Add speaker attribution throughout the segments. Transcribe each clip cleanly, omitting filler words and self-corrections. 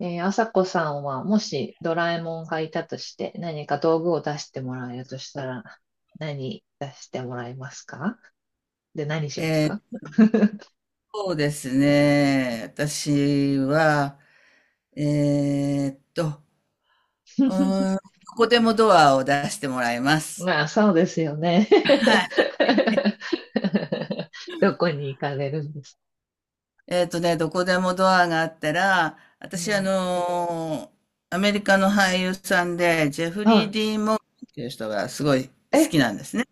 Speaker 1: あさこさんは、もしドラえもんがいたとして、何か道具を出してもらえるとしたら、何出してもらえますか？ で、何します
Speaker 2: えー、
Speaker 1: か？
Speaker 2: そうですね。私は、えーっと、どこでもドアを出してもらいます。
Speaker 1: まあ、そうですよね。
Speaker 2: はい。
Speaker 1: どこに行かれるんです
Speaker 2: どこでもドアがあったら、
Speaker 1: か？う
Speaker 2: 私、
Speaker 1: ん、
Speaker 2: アメリカの俳優さんで、ジェフリー・
Speaker 1: は
Speaker 2: ディーン・モーガンっていう人がすごい好
Speaker 1: い。
Speaker 2: きなんですね。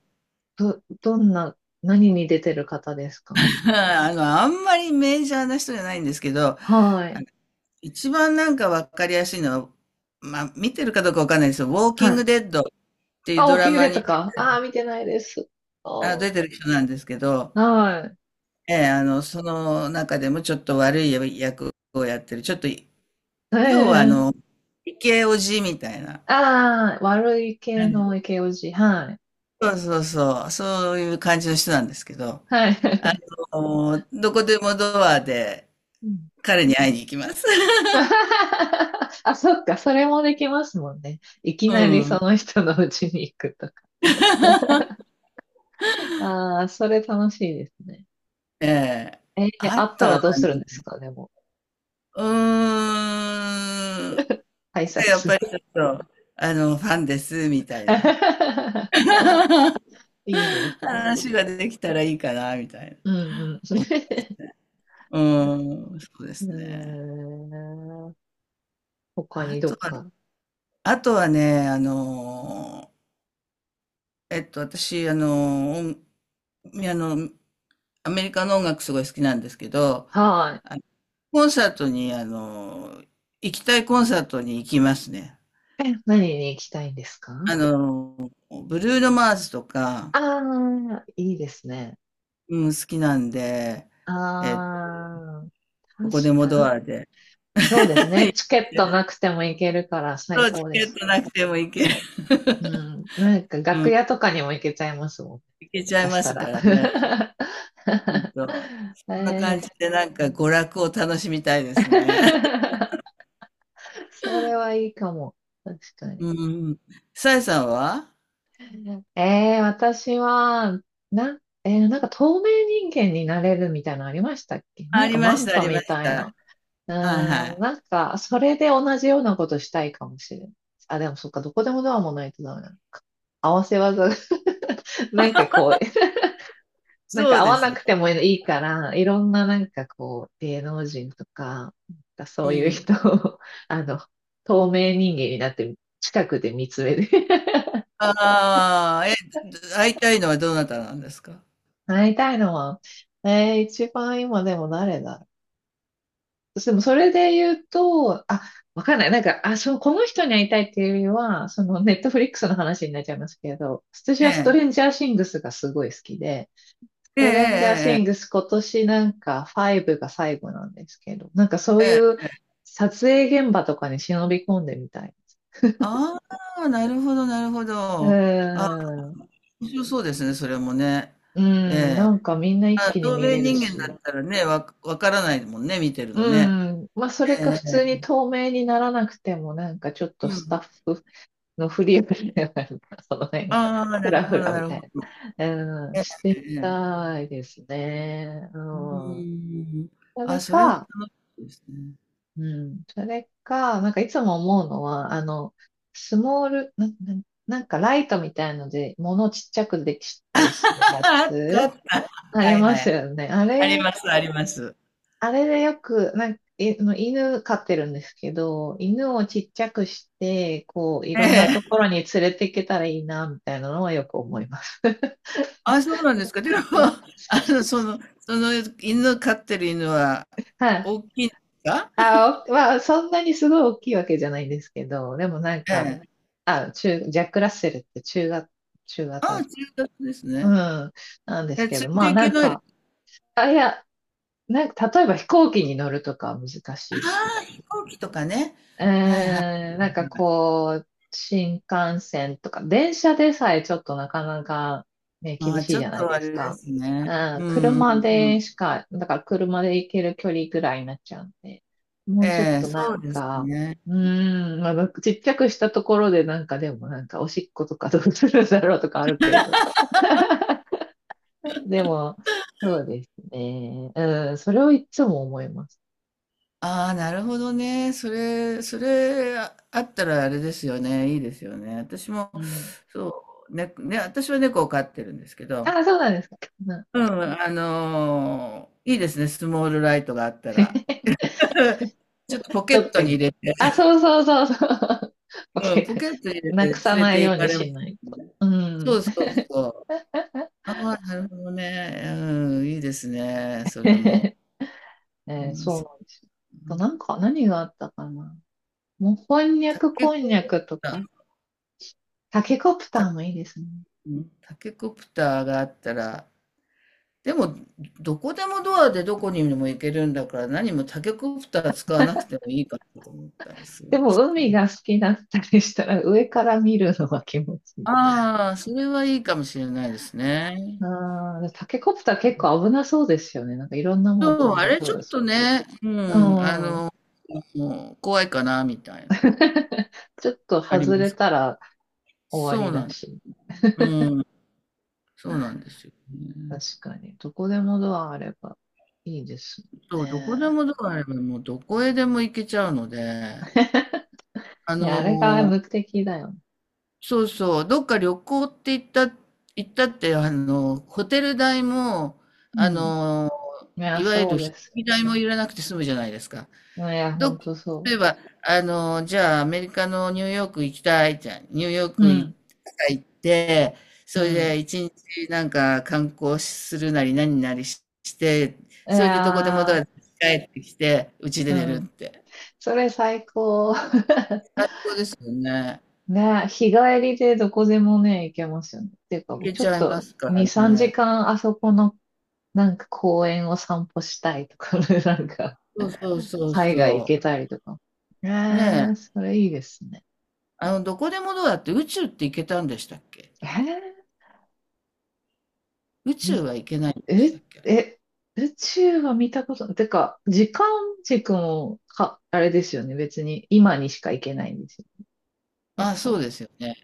Speaker 1: どんな、何に出てる方ですか？
Speaker 2: あんまりメジャーな人じゃないんですけど、
Speaker 1: は
Speaker 2: あ
Speaker 1: い。
Speaker 2: の一番なんかわかりやすいのは、まあ、見てるかどうかわかんないですよ。ウォーキ
Speaker 1: は
Speaker 2: ン
Speaker 1: い。
Speaker 2: グ・デッドていう
Speaker 1: あ、ウ
Speaker 2: ド
Speaker 1: ォー
Speaker 2: ラ
Speaker 1: キング
Speaker 2: マ
Speaker 1: デッド
Speaker 2: に
Speaker 1: か。ああ、見てないです。おー、
Speaker 2: 出てる人なんですけど、
Speaker 1: はい。
Speaker 2: ええ、その中でもちょっと悪い役をやってる、ちょっと、要は
Speaker 1: ええ、
Speaker 2: イケオジみたいな、
Speaker 1: ああ、悪い系のイケオジ。はい。
Speaker 2: そうそうそう、そういう感じの人なんですけど、
Speaker 1: は
Speaker 2: あ
Speaker 1: い。
Speaker 2: どこでもドアで
Speaker 1: うん。
Speaker 2: 彼に会いに行きます。
Speaker 1: あ、そっか、それもできますもんね。いき
Speaker 2: う
Speaker 1: なりそ
Speaker 2: ん。
Speaker 1: の人の家に行くとか。ああ、それ楽しいですね。
Speaker 2: ええ。
Speaker 1: えー、
Speaker 2: あ
Speaker 1: あっ
Speaker 2: と
Speaker 1: た
Speaker 2: は
Speaker 1: らどうするんです
Speaker 2: ね、
Speaker 1: か、でも。
Speaker 2: うーん、
Speaker 1: 挨
Speaker 2: やっぱ
Speaker 1: 拶。
Speaker 2: りちょっと、ファンです、みたいな。
Speaker 1: いいですね。
Speaker 2: 話ができたらいいかな、みたいな。
Speaker 1: うんうん。
Speaker 2: うん、うん、そうで
Speaker 1: うー
Speaker 2: すね。
Speaker 1: ん。他
Speaker 2: あ
Speaker 1: にど
Speaker 2: と
Speaker 1: っ
Speaker 2: は、
Speaker 1: か。
Speaker 2: あとはね、私、あの音あの、アメリカの音楽すごい好きなんですけど、
Speaker 1: は
Speaker 2: あのコンサートに、あの行きたいコンサートに行きますね。
Speaker 1: い。何に行きたいんですか？
Speaker 2: あのブルーノ・マーズとか、
Speaker 1: ああー、いいですね。
Speaker 2: うん、好きなんで、えっと、
Speaker 1: ああ、
Speaker 2: ど
Speaker 1: 確
Speaker 2: こでも
Speaker 1: か
Speaker 2: ド
Speaker 1: に。
Speaker 2: アで、
Speaker 1: そうです ね。チケットなくても行けるから
Speaker 2: そ
Speaker 1: 最
Speaker 2: う、チ
Speaker 1: 高で
Speaker 2: ケッ
Speaker 1: す
Speaker 2: トな
Speaker 1: ね。
Speaker 2: くても行ける。
Speaker 1: う ん。なんか楽屋とかにも行けちゃいますもんね、
Speaker 2: いけちゃ
Speaker 1: 下
Speaker 2: い
Speaker 1: 手し
Speaker 2: ま
Speaker 1: た
Speaker 2: すか
Speaker 1: ら。
Speaker 2: らね。ほん と。
Speaker 1: え
Speaker 2: そんな感じ
Speaker 1: ー
Speaker 2: でなんか娯楽を楽しみたいですね。
Speaker 1: それはいいかも。確かに。
Speaker 2: うんうん。さえさんは？
Speaker 1: 私は、なんか透明人間になれるみたいなのありましたっけ？
Speaker 2: あ、
Speaker 1: な
Speaker 2: あ
Speaker 1: ん
Speaker 2: り
Speaker 1: かマ
Speaker 2: まし
Speaker 1: ン
Speaker 2: た、あ
Speaker 1: タ
Speaker 2: りま
Speaker 1: み
Speaker 2: し
Speaker 1: たい
Speaker 2: た。
Speaker 1: な。う
Speaker 2: はいは
Speaker 1: ーん、
Speaker 2: い。
Speaker 1: なんか、それで同じようなことしたいかもしれん。あ、でもそっか、どこでもドアもないとダメな合わせ技が、なんかこう、なん
Speaker 2: そ
Speaker 1: か
Speaker 2: う
Speaker 1: 合
Speaker 2: で
Speaker 1: わ
Speaker 2: す
Speaker 1: な
Speaker 2: ね。
Speaker 1: くてもいいから、いろんななんかこう、芸能人とか、なんかそ
Speaker 2: う
Speaker 1: ういう
Speaker 2: ん。
Speaker 1: 人を、あの、透明人間になって、近くで見つめて。
Speaker 2: ああ、え、会いたいのはどなたなんですか？
Speaker 1: なりたいのは、一番今でも誰だ。でもそれで言うと、あ、わかんない。なんか、あ、そう、この人に会いたいっていうよりは、そのネットフリックスの話になっちゃいますけど、私
Speaker 2: え
Speaker 1: はストレ
Speaker 2: え。
Speaker 1: ンジャーシングスがすごい好きで、ス
Speaker 2: え
Speaker 1: トレンジャーシ
Speaker 2: え
Speaker 1: ング
Speaker 2: ええ
Speaker 1: ス今年なんか5が最後なんですけど、なんかそう
Speaker 2: え
Speaker 1: い
Speaker 2: え。
Speaker 1: う
Speaker 2: ええ。
Speaker 1: 撮影現場とかに忍び込んでみたい。
Speaker 2: ああ、なるほどなるほ
Speaker 1: うー
Speaker 2: ど。あ、
Speaker 1: ん、
Speaker 2: 面白そうですね、それもね。
Speaker 1: うん、なんかみんな一
Speaker 2: あ、
Speaker 1: 気に
Speaker 2: 透
Speaker 1: 見
Speaker 2: 明
Speaker 1: れる
Speaker 2: 人間だ
Speaker 1: し、
Speaker 2: ったらね、わからないもんね、見てるのね。
Speaker 1: うん、まあそれか
Speaker 2: え
Speaker 1: 普通に
Speaker 2: え。
Speaker 1: 透明にならなくてもなんかちょっと
Speaker 2: う
Speaker 1: スタッ
Speaker 2: ん。
Speaker 1: フのフリープレイなるか、その辺、
Speaker 2: ああ、
Speaker 1: ふ
Speaker 2: な
Speaker 1: ら
Speaker 2: るほ
Speaker 1: ふ
Speaker 2: ど
Speaker 1: ら
Speaker 2: な
Speaker 1: み
Speaker 2: る
Speaker 1: た
Speaker 2: ほど
Speaker 1: い
Speaker 2: ね。
Speaker 1: な、うん、
Speaker 2: え
Speaker 1: して
Speaker 2: え
Speaker 1: み
Speaker 2: ええ
Speaker 1: たいですね。
Speaker 2: う
Speaker 1: うん。
Speaker 2: ーん。
Speaker 1: それ
Speaker 2: あ、それも
Speaker 1: か、
Speaker 2: 楽しいですね。
Speaker 1: うん、それか、なんかいつも思うのは、スモール、な、なんかライトみたいので、物をちっちゃくでき たりするや
Speaker 2: あったあ
Speaker 1: つ、
Speaker 2: った。
Speaker 1: あ
Speaker 2: は
Speaker 1: り
Speaker 2: い
Speaker 1: ま
Speaker 2: は
Speaker 1: す
Speaker 2: い。
Speaker 1: よね。あ
Speaker 2: あり
Speaker 1: れ、
Speaker 2: ますあります。
Speaker 1: あれでよく、なんか、いあの犬飼ってるんですけど、犬をちっちゃくして、こう、い
Speaker 2: え
Speaker 1: ろんなと
Speaker 2: え。
Speaker 1: ころに連れて行けたらいいな、みたいなのはよく思います。
Speaker 2: あ、そうなんですか。でも、
Speaker 1: な
Speaker 2: あの、そのその犬飼ってる犬は
Speaker 1: はい。
Speaker 2: 大きいんですか？
Speaker 1: あ、おまあ、そんなにすごい大きいわけじゃないんですけど、でもなん
Speaker 2: え
Speaker 1: か、
Speaker 2: え。
Speaker 1: あ、ジャック・ラッセルって中型、中
Speaker 2: ああ、
Speaker 1: 型、
Speaker 2: 中型です
Speaker 1: う
Speaker 2: ね。
Speaker 1: ん、なんで
Speaker 2: え、
Speaker 1: す
Speaker 2: 連
Speaker 1: け
Speaker 2: れ
Speaker 1: ど、ま
Speaker 2: て
Speaker 1: あ
Speaker 2: い
Speaker 1: な
Speaker 2: け
Speaker 1: ん
Speaker 2: ない？
Speaker 1: か、あ、いや、なんか、例えば飛行機に乗るとかは難
Speaker 2: あ
Speaker 1: しいし、
Speaker 2: あ、飛行機とかね。
Speaker 1: う
Speaker 2: はいはい。
Speaker 1: ーん、なんかこう、新幹線とか、電車でさえちょっとなかなかね、
Speaker 2: あ
Speaker 1: 厳
Speaker 2: あ、
Speaker 1: しい
Speaker 2: ちょ
Speaker 1: じ
Speaker 2: っ
Speaker 1: ゃない
Speaker 2: とあ
Speaker 1: です
Speaker 2: れで
Speaker 1: か。
Speaker 2: すね。
Speaker 1: うん、
Speaker 2: うんうん
Speaker 1: 車
Speaker 2: うん。
Speaker 1: でしか、だから車で行ける距離ぐらいになっちゃうんで、もうちょっ
Speaker 2: ええ、
Speaker 1: とな
Speaker 2: そう
Speaker 1: ん
Speaker 2: です
Speaker 1: か、
Speaker 2: ね。
Speaker 1: うーん、まあ、ちっちゃくしたところでなんかでもなんかおしっことかどうするんだろうとかあるけど。でも、そうですね。うん、それをいつも思います。
Speaker 2: ああ、なるほどね。それあったらあれですよね。いいですよね。私も、
Speaker 1: うん。
Speaker 2: そう、ね、私は猫を飼ってるんですけど、
Speaker 1: あ、そうなんですか。うん。
Speaker 2: うん、いいですね。スモールライトがあったら。ちょっとポケ
Speaker 1: ど
Speaker 2: ッ
Speaker 1: っ
Speaker 2: ト
Speaker 1: か
Speaker 2: に入
Speaker 1: に。
Speaker 2: れて、
Speaker 1: あ、そうそうそうそう。オッ
Speaker 2: うん、ポ
Speaker 1: ケ
Speaker 2: ケットに入れ
Speaker 1: ー、な
Speaker 2: て
Speaker 1: く
Speaker 2: 連
Speaker 1: さ
Speaker 2: れ
Speaker 1: ない
Speaker 2: て
Speaker 1: よう
Speaker 2: 行か
Speaker 1: に
Speaker 2: れま
Speaker 1: しな
Speaker 2: す。
Speaker 1: いと。う
Speaker 2: そ
Speaker 1: ん。
Speaker 2: うそうそう。ああ、なるほどね。うん、いいですね。それも。
Speaker 1: え
Speaker 2: うん、
Speaker 1: そう
Speaker 2: そう。
Speaker 1: なんですよ。あとなんか、何があったかな。もう、こんにゃ
Speaker 2: タ
Speaker 1: く
Speaker 2: ケ
Speaker 1: こんにゃ
Speaker 2: コプ
Speaker 1: くと
Speaker 2: ター、
Speaker 1: か、タケコプタ
Speaker 2: タ、
Speaker 1: ーもいいですね。
Speaker 2: うんタケコプターがあったら、でも、どこでもドアでどこにでも行けるんだから、何もタケコプター使わなくてもいいかなと思ったりす
Speaker 1: で
Speaker 2: る。
Speaker 1: も、海が好きだったりしたら、上から見るのは気持ちいい。
Speaker 2: ああ、それはいいかもしれないですね。
Speaker 1: ああ、タケコプター結構危なそうですよね。なんかいろんなもん
Speaker 2: そう、
Speaker 1: 飛ん
Speaker 2: あ
Speaker 1: で
Speaker 2: れ
Speaker 1: そ
Speaker 2: ち
Speaker 1: う
Speaker 2: ょ
Speaker 1: で
Speaker 2: っ
Speaker 1: す。
Speaker 2: とね、
Speaker 1: う
Speaker 2: ん、あ
Speaker 1: ん。
Speaker 2: の、もう怖いかな、みたいな。
Speaker 1: ちょっと
Speaker 2: あり
Speaker 1: 外
Speaker 2: ま
Speaker 1: れ
Speaker 2: す。
Speaker 1: たら終わ
Speaker 2: そ
Speaker 1: り
Speaker 2: うな
Speaker 1: だ
Speaker 2: ん、
Speaker 1: し。
Speaker 2: うん、そうなんですよね。
Speaker 1: 確かに。どこでもドアあればいいですもん
Speaker 2: そう、どこで
Speaker 1: ね。
Speaker 2: もドアあれば、もうどこへでも行けちゃうので、あ
Speaker 1: いや、あれが
Speaker 2: の
Speaker 1: 目的だよね。
Speaker 2: そうそう、どっか旅行って言った、行ったって、ホテル代も、あ
Speaker 1: うん。
Speaker 2: の、
Speaker 1: いや、
Speaker 2: いわゆ
Speaker 1: そ
Speaker 2: る
Speaker 1: う
Speaker 2: 飛
Speaker 1: で
Speaker 2: 行
Speaker 1: す
Speaker 2: 機
Speaker 1: よ
Speaker 2: 代もいらなくて済むじゃないですか。
Speaker 1: ね。いや、
Speaker 2: ど
Speaker 1: ほん
Speaker 2: っ、
Speaker 1: とそ
Speaker 2: 例えば、じゃあアメリカのニューヨーク行きたいじゃん。ニューヨー
Speaker 1: う。う
Speaker 2: ク行
Speaker 1: ん。
Speaker 2: 行って、
Speaker 1: う
Speaker 2: それ
Speaker 1: ん。
Speaker 2: で一日なんか観光するなり何なりして、
Speaker 1: い
Speaker 2: それでどこでもドア
Speaker 1: や
Speaker 2: で帰ってきて、うちで
Speaker 1: ー、
Speaker 2: 寝
Speaker 1: う
Speaker 2: るっ
Speaker 1: ん。
Speaker 2: て。
Speaker 1: それ最高。
Speaker 2: 最高ですよね。
Speaker 1: ね、日帰りでどこでもね、行けますよね。っていうか、
Speaker 2: 行け
Speaker 1: ちょ
Speaker 2: ち
Speaker 1: っ
Speaker 2: ゃいま
Speaker 1: と
Speaker 2: すから
Speaker 1: 2、3
Speaker 2: ね。
Speaker 1: 時間あそこのなんか公園を散歩したいとか、 なんか
Speaker 2: そうそうそう
Speaker 1: 海外行
Speaker 2: そう。
Speaker 1: けたりとか。
Speaker 2: ねえ、
Speaker 1: それいいですね。
Speaker 2: どこでもドアって宇宙って行けたんでしたっけ？
Speaker 1: え
Speaker 2: 宇宙
Speaker 1: ー、
Speaker 2: は行けないんでした
Speaker 1: え、
Speaker 2: っけ、あれ。
Speaker 1: え、宇宙は見たこと、てか、時間軸もか、あれですよね。別に今にしか行けないんですよ。だ
Speaker 2: あ、
Speaker 1: か
Speaker 2: そう
Speaker 1: ら、うん、
Speaker 2: ですよね。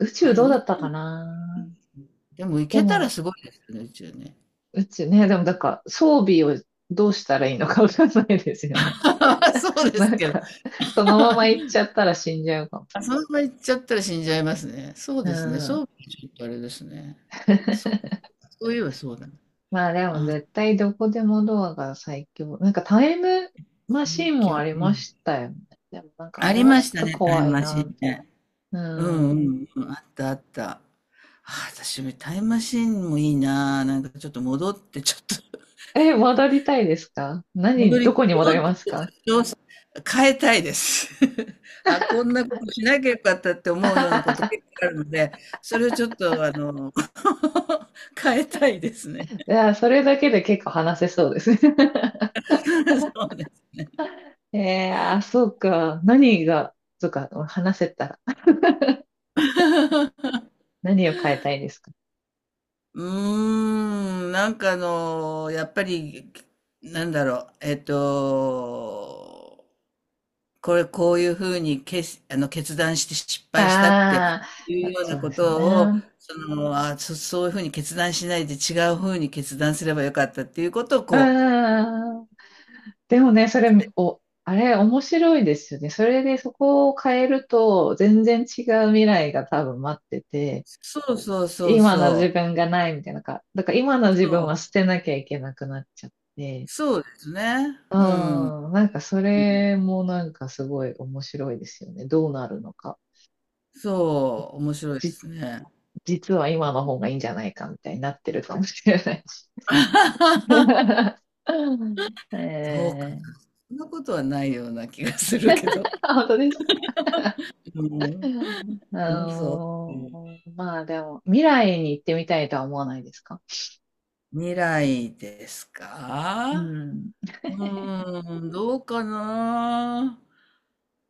Speaker 1: 宇
Speaker 2: あ
Speaker 1: 宙
Speaker 2: れ
Speaker 1: どうだ
Speaker 2: 宇
Speaker 1: ったか
Speaker 2: 宙、
Speaker 1: な。
Speaker 2: でも行
Speaker 1: で
Speaker 2: けたら
Speaker 1: も、
Speaker 2: すごいですよね、宇宙ね。
Speaker 1: 宇宙ね、でもだから装備をどうしたらいいのかわかんないですよね。
Speaker 2: そう で
Speaker 1: な
Speaker 2: す
Speaker 1: ん
Speaker 2: けど。
Speaker 1: か、そのまま行っ ちゃったら死んじゃうかも。
Speaker 2: あ、そんな行っちゃったら死んじゃいますね。そう
Speaker 1: う
Speaker 2: ですね、そ
Speaker 1: ん。
Speaker 2: う、ちょっとあれですね。そうか、そういえばそうだね。
Speaker 1: まあでも絶対どこでもドアが最強。なんかタイムマシ
Speaker 2: 最
Speaker 1: ンもあ
Speaker 2: 強。
Speaker 1: り
Speaker 2: う
Speaker 1: ま
Speaker 2: ん。
Speaker 1: したよね。でもなんかあ
Speaker 2: あ
Speaker 1: れ
Speaker 2: り
Speaker 1: は
Speaker 2: ま
Speaker 1: ちょ
Speaker 2: し
Speaker 1: っ
Speaker 2: た
Speaker 1: と
Speaker 2: ね、タイ
Speaker 1: 怖
Speaker 2: ム
Speaker 1: い
Speaker 2: マシー
Speaker 1: な。
Speaker 2: ンね。
Speaker 1: う
Speaker 2: うんう
Speaker 1: ん。
Speaker 2: んうん、あったあった。ああ、私もタイムマシーンもいいな。なんかちょっと戻ってちょっと
Speaker 1: 戻りたいですか？
Speaker 2: 戻
Speaker 1: 何、ど
Speaker 2: り
Speaker 1: こに
Speaker 2: 戻
Speaker 1: 戻
Speaker 2: っ
Speaker 1: り
Speaker 2: て
Speaker 1: ますか？
Speaker 2: 調査変えたいです。あ、こんなことしなきゃよかったって思うようなこと結構 あるので、それをちょっと変えたいですね。
Speaker 1: いや、それだけで結構話せそうですね。
Speaker 2: そうです。
Speaker 1: あ、そうか。何が、そうか、話せたら。何を変えたいですか？
Speaker 2: うーん、なんかやっぱり、なんだろう、こういうふうにけあの、決断して失敗したって
Speaker 1: あ
Speaker 2: いう
Speaker 1: あ、
Speaker 2: よう
Speaker 1: そ
Speaker 2: な
Speaker 1: う
Speaker 2: こ
Speaker 1: ですよ
Speaker 2: とを、
Speaker 1: ね。
Speaker 2: そういうふうに決断しないで違うふうに決断すればよかったっていうことをこう
Speaker 1: うん。でもね、それ、あれ、面白いですよね。それでそこを変えると、全然違う未来が多分待ってて、
Speaker 2: そうそうそう
Speaker 1: 今の自
Speaker 2: そう。
Speaker 1: 分がないみたいなか、だから今の自
Speaker 2: そ
Speaker 1: 分は
Speaker 2: う、
Speaker 1: 捨てなきゃいけなくなっちゃって、
Speaker 2: そうですね。
Speaker 1: う
Speaker 2: うん。
Speaker 1: ん、なんかそれもなんかすごい面白いですよね。どうなるのか。
Speaker 2: そう、面白いで
Speaker 1: じ、
Speaker 2: すね。
Speaker 1: 実は今の方がいいんじゃないかみたいになってるかもしれない。
Speaker 2: そうかな。
Speaker 1: えー、
Speaker 2: そんなことはないような気がするけど。
Speaker 1: 本当ですか。
Speaker 2: うん。
Speaker 1: あ
Speaker 2: うん、そう。うん。
Speaker 1: のまあでも、未来に行ってみたいとは思わないですか？
Speaker 2: 未来ですか？
Speaker 1: うん。
Speaker 2: うーん、どうかな。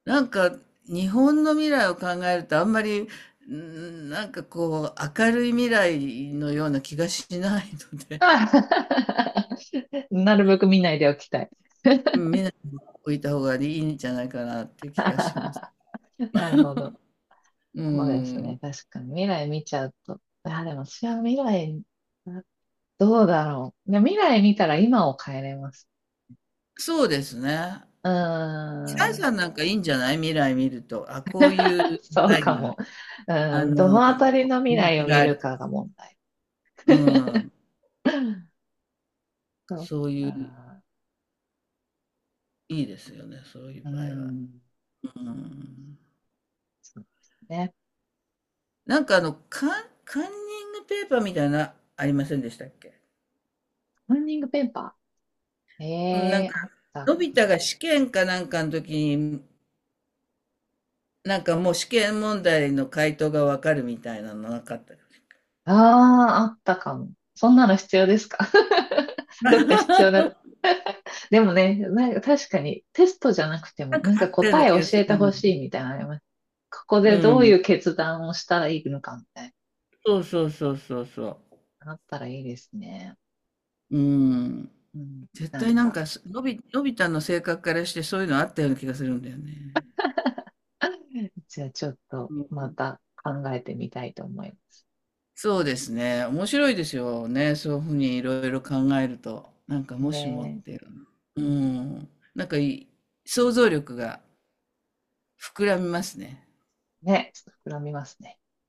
Speaker 2: なんか日本の未来を考えるとあんまり、うん、なんかこう明るい未来のような気がしないので、
Speaker 1: なるべく見ないでおきたい。
Speaker 2: うん、みん置いた方がいいんじゃないかなって気がします。
Speaker 1: なるほど。
Speaker 2: う
Speaker 1: そうです
Speaker 2: ん、
Speaker 1: ね。確かに。未来見ちゃうと。いや、でも私は未来、あどうだろう。いや、未来見たら今を変えれます。
Speaker 2: そうですね。
Speaker 1: うー
Speaker 2: 白井
Speaker 1: ん。
Speaker 2: さんなんかいいんじゃない？未来見ると。あ、こういう未
Speaker 1: そう
Speaker 2: 来
Speaker 1: かも。
Speaker 2: が、あ
Speaker 1: うん。ど
Speaker 2: の、
Speaker 1: のあたりの未
Speaker 2: 人
Speaker 1: 来
Speaker 2: 気
Speaker 1: を見
Speaker 2: がある。
Speaker 1: るかが問題。
Speaker 2: うん、
Speaker 1: そ
Speaker 2: そう
Speaker 1: う
Speaker 2: いう、
Speaker 1: か。
Speaker 2: いいですよね、そういう
Speaker 1: う
Speaker 2: 場合は。
Speaker 1: ん。
Speaker 2: うん
Speaker 1: そうですね。
Speaker 2: なんかカンニングペーパーみたいな、ありませんでしたっけ？
Speaker 1: ランニングペーパー。
Speaker 2: うん、なんか、
Speaker 1: あったっ
Speaker 2: のび
Speaker 1: け？
Speaker 2: 太が試験かなんかの時に、なんかもう試験問題の回答がわかるみたいなのなかったです。
Speaker 1: あああったかも。そんなの必要ですか？ どっか必要だ。でもね、なんか確かにテストじゃなくて
Speaker 2: な
Speaker 1: も、
Speaker 2: んか
Speaker 1: なん
Speaker 2: あ
Speaker 1: か
Speaker 2: ったよう
Speaker 1: 答
Speaker 2: な
Speaker 1: え
Speaker 2: 気
Speaker 1: 教
Speaker 2: がす
Speaker 1: えてほ
Speaker 2: る。
Speaker 1: しいみたいなのあります。ここ
Speaker 2: う
Speaker 1: でどうい
Speaker 2: ん。
Speaker 1: う決断をしたらいいのかみたい
Speaker 2: そうそうそうそうそ
Speaker 1: な、あったらいいですね。
Speaker 2: う。うん。
Speaker 1: うん。
Speaker 2: 絶
Speaker 1: なん
Speaker 2: 対なん
Speaker 1: か、
Speaker 2: か、すのび、のび太の性格からしてそういうのあったような気がするんだよね。
Speaker 1: じゃあちょっとまた考えてみたいと思います。
Speaker 2: そうですね。面白いですよね。そういうふうにいろいろ考えると。なんかもしもっ
Speaker 1: ね
Speaker 2: ていうの。うん。なんかいい想像力が膨らみますね。
Speaker 1: え、ねちょっと膨らみますね。